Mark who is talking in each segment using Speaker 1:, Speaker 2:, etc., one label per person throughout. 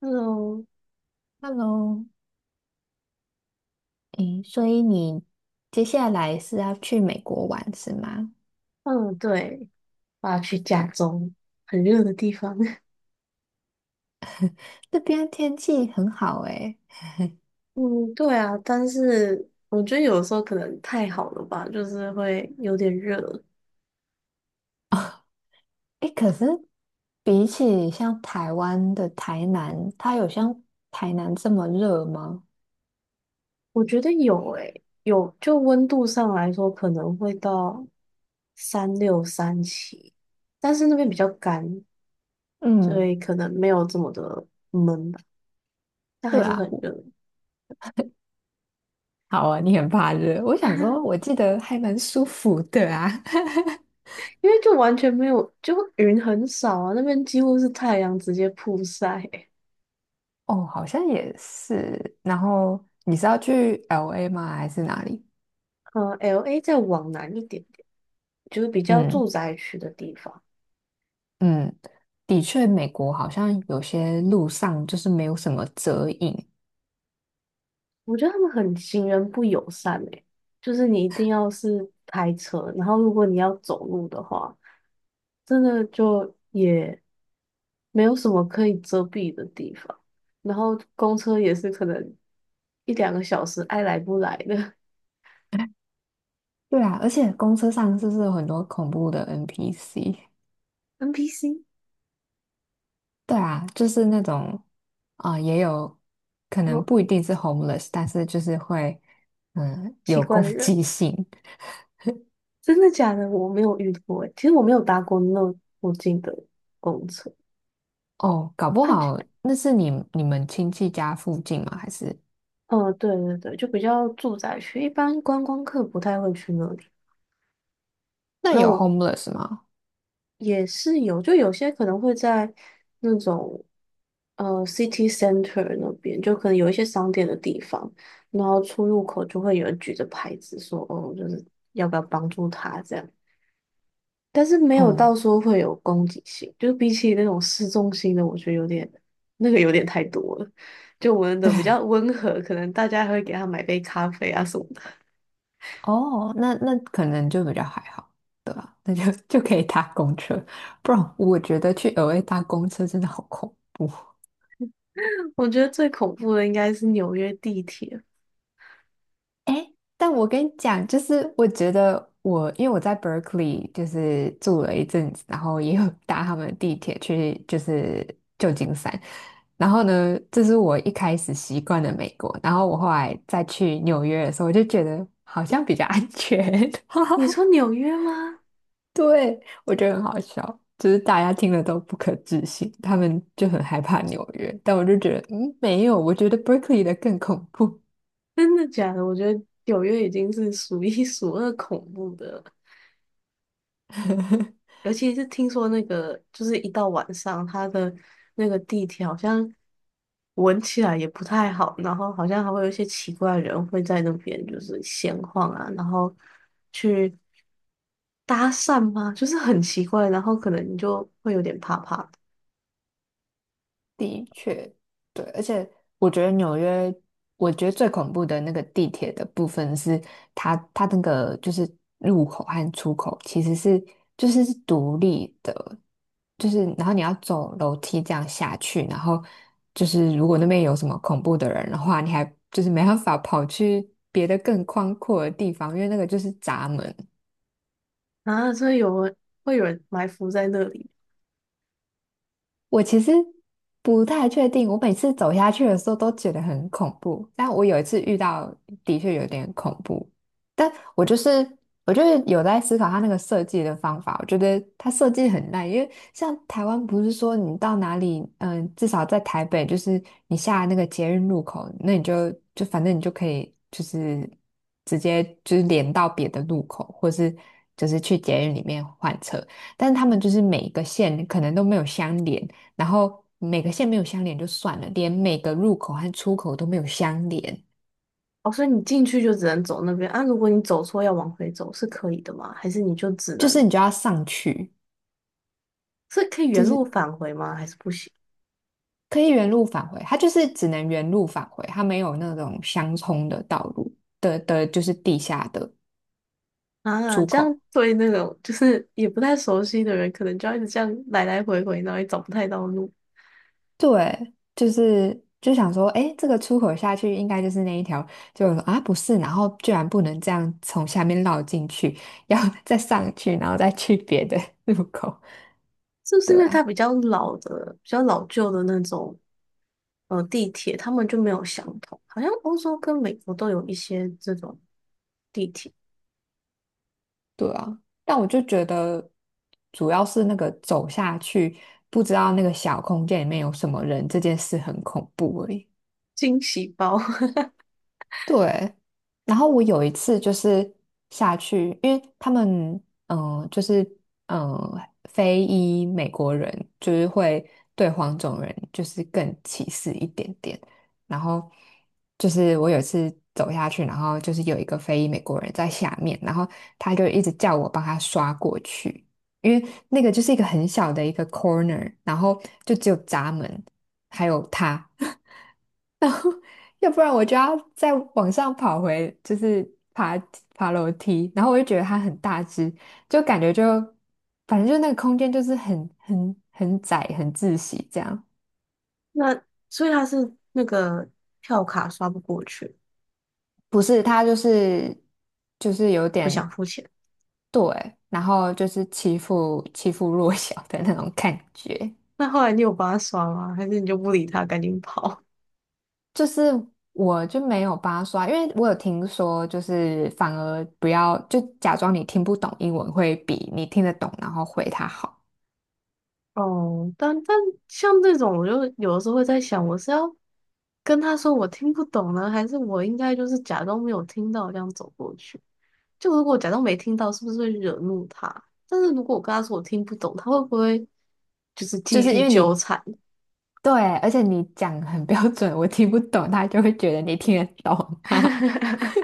Speaker 1: 嗯
Speaker 2: Hello，诶，所以你接下来是要去美国玩是吗？
Speaker 1: 嗯，对，我要去加州，很热的地方。
Speaker 2: 这边天气很好诶，
Speaker 1: 嗯，对啊，但是我觉得有时候可能太好了吧，就是会有点热。
Speaker 2: 诶，可是比起像台湾的台南，它有像台南这么热吗？
Speaker 1: 我觉得有诶、有就温度上来说，可能会到36 37，但是那边比较干，所
Speaker 2: 嗯，
Speaker 1: 以可能没有这么的闷吧，但还
Speaker 2: 对
Speaker 1: 是
Speaker 2: 啊，
Speaker 1: 很
Speaker 2: 我
Speaker 1: 热。
Speaker 2: 好啊，你很怕热，我想说，我 记得还蛮舒服的啊。
Speaker 1: 因为就完全没有，就云很少啊，那边几乎是太阳直接曝晒。
Speaker 2: 哦，好像也是。然后你是要去 LA 吗？还是哪里？
Speaker 1: LA 再往南一点点，就是比较
Speaker 2: 嗯。
Speaker 1: 住宅区的地方。
Speaker 2: 嗯，的确，美国好像有些路上就是没有什么遮影。
Speaker 1: 我觉得他们很行人不友善诶、就是你一定要是开车，然后如果你要走路的话，真的就也没有什么可以遮蔽的地方，然后公车也是可能一两个小时爱来不来的。
Speaker 2: 对啊，而且公车上是不是有很多恐怖的 NPC？
Speaker 1: NPC，
Speaker 2: 对啊，就是那种啊、也有可能
Speaker 1: 有
Speaker 2: 不一定是 homeless，但是就是会
Speaker 1: 奇
Speaker 2: 有
Speaker 1: 怪
Speaker 2: 攻
Speaker 1: 的人。
Speaker 2: 击性
Speaker 1: 真的假的？我没有遇过诶、其实我没有搭过那我近的公车。
Speaker 2: 哦。搞不好那是你们亲戚家附近吗？还是
Speaker 1: 嗯，对对对，就比较住宅区，一般观光客不太会去那里。
Speaker 2: 那
Speaker 1: 那
Speaker 2: 有
Speaker 1: 我
Speaker 2: homeless 吗？
Speaker 1: 也是有，就有些可能会在那种city center 那边，就可能有一些商店的地方，然后出入口就会有人举着牌子说，哦，就是要不要帮助他这样，但是没有
Speaker 2: 哦、
Speaker 1: 到说会有攻击性，就是比起那种市中心的，我觉得有点那个有点太多了。就我们的
Speaker 2: 对，
Speaker 1: 比较温和，可能大家还会给他买杯咖啡啊什么的。
Speaker 2: 哦，那可能就比较还好，对吧？那就 就可以搭公车，不然我觉得去额外搭公车真的好恐怖。
Speaker 1: 我觉得最恐怖的应该是纽约地铁。
Speaker 2: 但我跟你讲，就是我觉得我因为我在 Berkeley 就是住了一阵子，然后也有 搭他们的地铁去就是旧金山，然后呢，这是我一开始习惯的美国，然后我后来再去纽约的时候，我就觉得好像比较安全。
Speaker 1: 你 说纽约吗？
Speaker 2: 对，我觉得很好笑，就是大家听了都不可置信，他们就很害怕纽约，但我就觉得，嗯，没有，我觉得 Berkeley 的更恐怖。
Speaker 1: 真的假的？我觉得纽约已经是数一 数二恐怖的了，尤其是听说那个，就是一到晚上，它的那个地铁好像闻起来也不太好，然后好像还会有一些奇怪的人会在那边就是闲晃啊，然后去搭讪吗？就是很奇怪，然后可能你就会有点怕怕的。
Speaker 2: 的确，对，而且我觉得纽约，我觉得最恐怖的那个地铁的部分是它那个就是入口和出口其实是就是是独立的，就是然后你要走楼梯这样下去，然后就是如果那边有什么恐怖的人的话，你还就是没办法跑去别的更宽阔的地方，因为那个就是闸门，
Speaker 1: 啊，所以有人会有人埋伏在那里。
Speaker 2: 我其实不太确定，我每次走下去的时候都觉得很恐怖，但我有一次遇到的确有点恐怖，但我就是有在思考它那个设计的方法，我觉得它设计很烂，因为像台湾不是说你到哪里，嗯，至少在台北，就是你下那个捷运路口，那你就反正你就可以就是直接就是连到别的路口，或是就是去捷运里面换车。但是他们就是每一个线可能都没有相连，然后每个线没有相连就算了，连每个入口和出口都没有相连，
Speaker 1: 哦，所以你进去就只能走那边啊？如果你走错要往回走是可以的吗？还是你就只
Speaker 2: 就是
Speaker 1: 能
Speaker 2: 你就要上去，
Speaker 1: 是可以原
Speaker 2: 就
Speaker 1: 路
Speaker 2: 是
Speaker 1: 返回吗？还是不行
Speaker 2: 可以原路返回，它就是只能原路返回，它没有那种相冲的道路的，就是地下的
Speaker 1: 啊？
Speaker 2: 出
Speaker 1: 这
Speaker 2: 口。
Speaker 1: 样对那种就是也不太熟悉的人，可能就要一直这样来来回回，然后也找不太到路。
Speaker 2: 对，就是想说，哎，这个出口下去应该就是那一条，就说啊不是，然后居然不能这样从下面绕进去，要 再上去，然后再去别的 入口。
Speaker 1: 是不是
Speaker 2: 对
Speaker 1: 因为它
Speaker 2: 啊
Speaker 1: 比较老的、比较老旧的那种地铁，他们就没有相同？好像欧洲跟美国都有一些这种地铁
Speaker 2: 对啊，但我就觉得主要是那个走下去，不知道那个小空间里面有什么人，这件事很恐怖而已。
Speaker 1: 惊喜包。
Speaker 2: 对，然后我有一次就是下去，因为他们就是非裔美国人就是会对黄种人就是更歧视一点点。然后就是我有一次走下去，然后就是有一个非裔美国人在下面，然后他就一直叫我帮他刷过去，因为那个就是一个很小的一个 corner，然后就只有闸门还有他。要不然我就要再往上跑回，就是爬爬楼梯，然后我就觉得它很大只，就感觉就反正就那个空间就是很窄、很窒息这样。
Speaker 1: 那所以它是那个票卡刷不过去，
Speaker 2: 不是，它就是有
Speaker 1: 不
Speaker 2: 点
Speaker 1: 想付钱。
Speaker 2: 对，然后就是欺负欺负弱小的那种感觉。
Speaker 1: 那后来你有帮他刷吗？还是你就不理他，赶紧跑？
Speaker 2: 就是我就没有帮他刷，因为我有听说，就是反而不要就假装你听不懂英文，会比你听得懂然后回他好。
Speaker 1: 哦，但但像这种，我就有的时候会在想，我是要跟他说我听不懂呢，还是我应该就是假装没有听到这样走过去？就如果我假装没听到，是不是会惹怒他？但是如果我跟他说我听不懂，他会不会就是
Speaker 2: 就
Speaker 1: 继
Speaker 2: 是
Speaker 1: 续
Speaker 2: 因为
Speaker 1: 纠
Speaker 2: 你
Speaker 1: 缠？
Speaker 2: 对，而且你讲很标准，我听不懂，他就会觉得你听得懂，哈哈。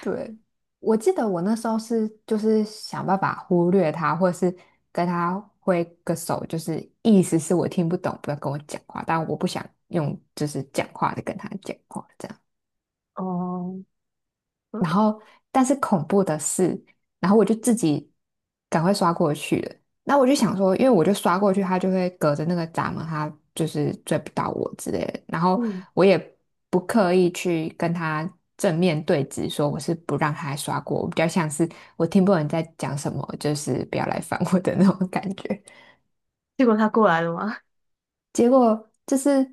Speaker 2: 对，我记得我那时候是就是想办法忽略他，或是跟他挥个手，就是意思是我听不懂，不要跟我讲话，但我不想用就是讲话的跟他讲话这样。
Speaker 1: 哦，
Speaker 2: 然
Speaker 1: 对，
Speaker 2: 后但是恐怖的是，然后我就自己赶快刷过去了。那我就想说，因为我就刷过去，他就会隔着那个闸门，他就是追不到我之类的。然后
Speaker 1: 嗯，
Speaker 2: 我也不刻意去跟他正面对峙，说我是不让他刷过，我比较像是我听不懂你在讲什么，就是不要来烦我的那种感觉。
Speaker 1: 结果他过来了吗？
Speaker 2: 结果就是，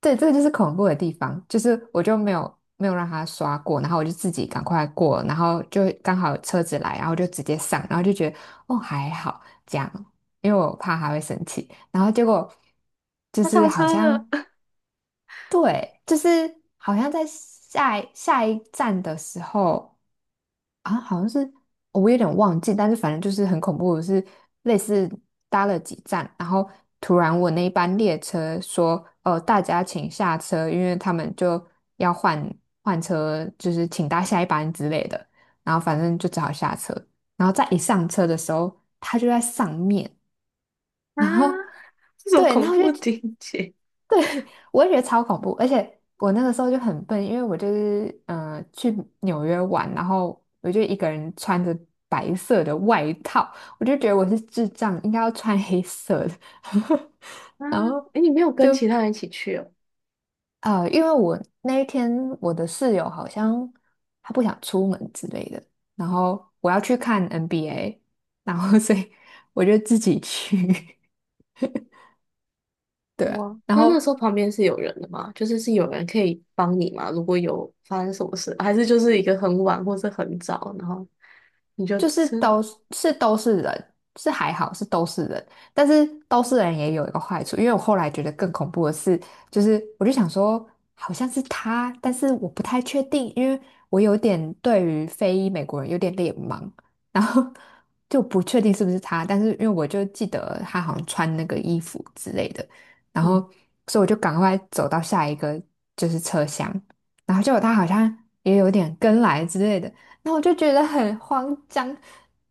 Speaker 2: 对，这个就是恐怖的地方，就是我就没有让他刷过，然后我就自己赶快过，然后就刚好车子来，然后就直接上，然后就觉得哦还好这样，因为我怕他会生气，然后结果 就
Speaker 1: 他
Speaker 2: 是
Speaker 1: 上
Speaker 2: 好
Speaker 1: 车了。
Speaker 2: 像对，就是好像在下一站的时候。啊，好像是我有点忘记，但是反正就是很恐怖，是类似搭了几站，然后突然我那一班列车说，大家请下车，因为他们就要换车，就是请搭下一班之类的，然后反正就只好下车，然后再一上车的时候，他就在上面，
Speaker 1: 啊！
Speaker 2: 然后
Speaker 1: 这种
Speaker 2: 对，然
Speaker 1: 恐
Speaker 2: 后就
Speaker 1: 怖情节
Speaker 2: 对，我也觉得超恐怖，而且我那个时候就很笨，因为我就是去纽约玩，然后我就一个人穿着白色的外套，我就觉得我是智障，应该要穿黑色的，
Speaker 1: 啊！
Speaker 2: 然后
Speaker 1: 诶，你没有跟
Speaker 2: 就
Speaker 1: 其他人一起去哦？
Speaker 2: 因为我那一天我的室友好像他不想出门之类的，然后我要去看 NBA，然后 所以我就自己去，对啊，
Speaker 1: 哇，
Speaker 2: 然
Speaker 1: 那那
Speaker 2: 后
Speaker 1: 时候旁边是有人的吗？就是是有人可以帮你吗？如果有发生什么事，还是就是一个很晚或是很早，然后你就
Speaker 2: 就是
Speaker 1: 吃，
Speaker 2: 都是都是人，是还好是都是人，但是都是人也有一个坏处，因为我后来觉得更恐怖的是，就是我就想说好像是他，但是我不太确定，因为我有点对于非裔美国人有点脸盲，然后 就不确定是不是他，但是因为我就记得他好像穿那个衣服之类的，然后
Speaker 1: 嗯，
Speaker 2: 所以我就赶快走到下一个就是车厢，然后结果他好像也有点跟来之类的。然后我就觉得很慌张，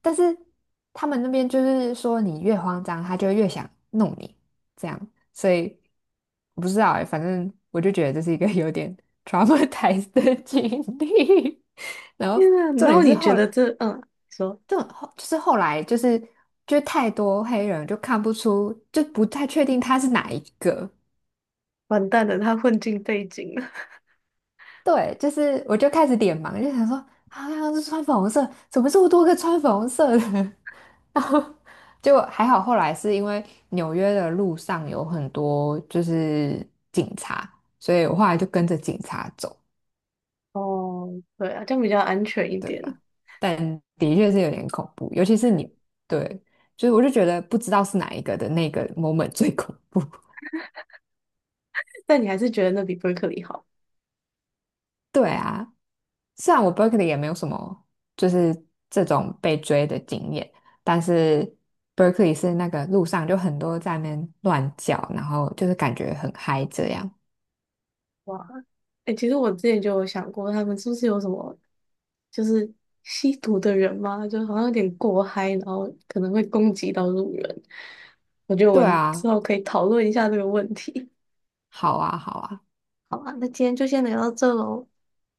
Speaker 2: 但是他们那边就是说，你越慌张，他就越想弄你，这样，所以我不知道哎、反正我就觉得这是一个有点 traumatized 的经历。然后
Speaker 1: 天啊，
Speaker 2: 重
Speaker 1: 然
Speaker 2: 点
Speaker 1: 后
Speaker 2: 是
Speaker 1: 你
Speaker 2: 后，
Speaker 1: 觉得这嗯，你说
Speaker 2: 就后就是后来就太多黑人就看不出，就不太确定他是哪一个。
Speaker 1: 完蛋了，他混进背景了。
Speaker 2: 对，就是我就开始点盲，就想说啊，刚刚是穿粉红色，怎么这么多个穿粉红色的？就还好，后来是因为纽约的路上有很多就是警察，所以我后来就跟着警察走，
Speaker 1: 哦，对啊，这样比较安全一
Speaker 2: 对
Speaker 1: 点，
Speaker 2: 吧？但的确是有点恐怖，尤其是你，对，就是我就觉得不知道是哪一个的那个 moment 最恐怖。
Speaker 1: 但你还是觉得那比伯克利好。
Speaker 2: 对啊，虽然我 Berkeley 也没有什么就是这种被追的经验，但是 Berkeley 是那个路上就很多在那边乱叫，然后就是感觉很嗨这样。
Speaker 1: 哇，哎、其实我之前就有想过，他们是不是有什么就是吸毒的人嘛，就好像有点过嗨，然后可能会攻击到路人。我觉得我
Speaker 2: 对
Speaker 1: 们之
Speaker 2: 啊，
Speaker 1: 后可以讨论一下这个问题。
Speaker 2: 好啊，好啊。
Speaker 1: 好啊，那今天就先聊到这喽，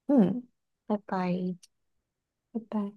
Speaker 2: 嗯，
Speaker 1: 拜拜。
Speaker 2: 拜拜。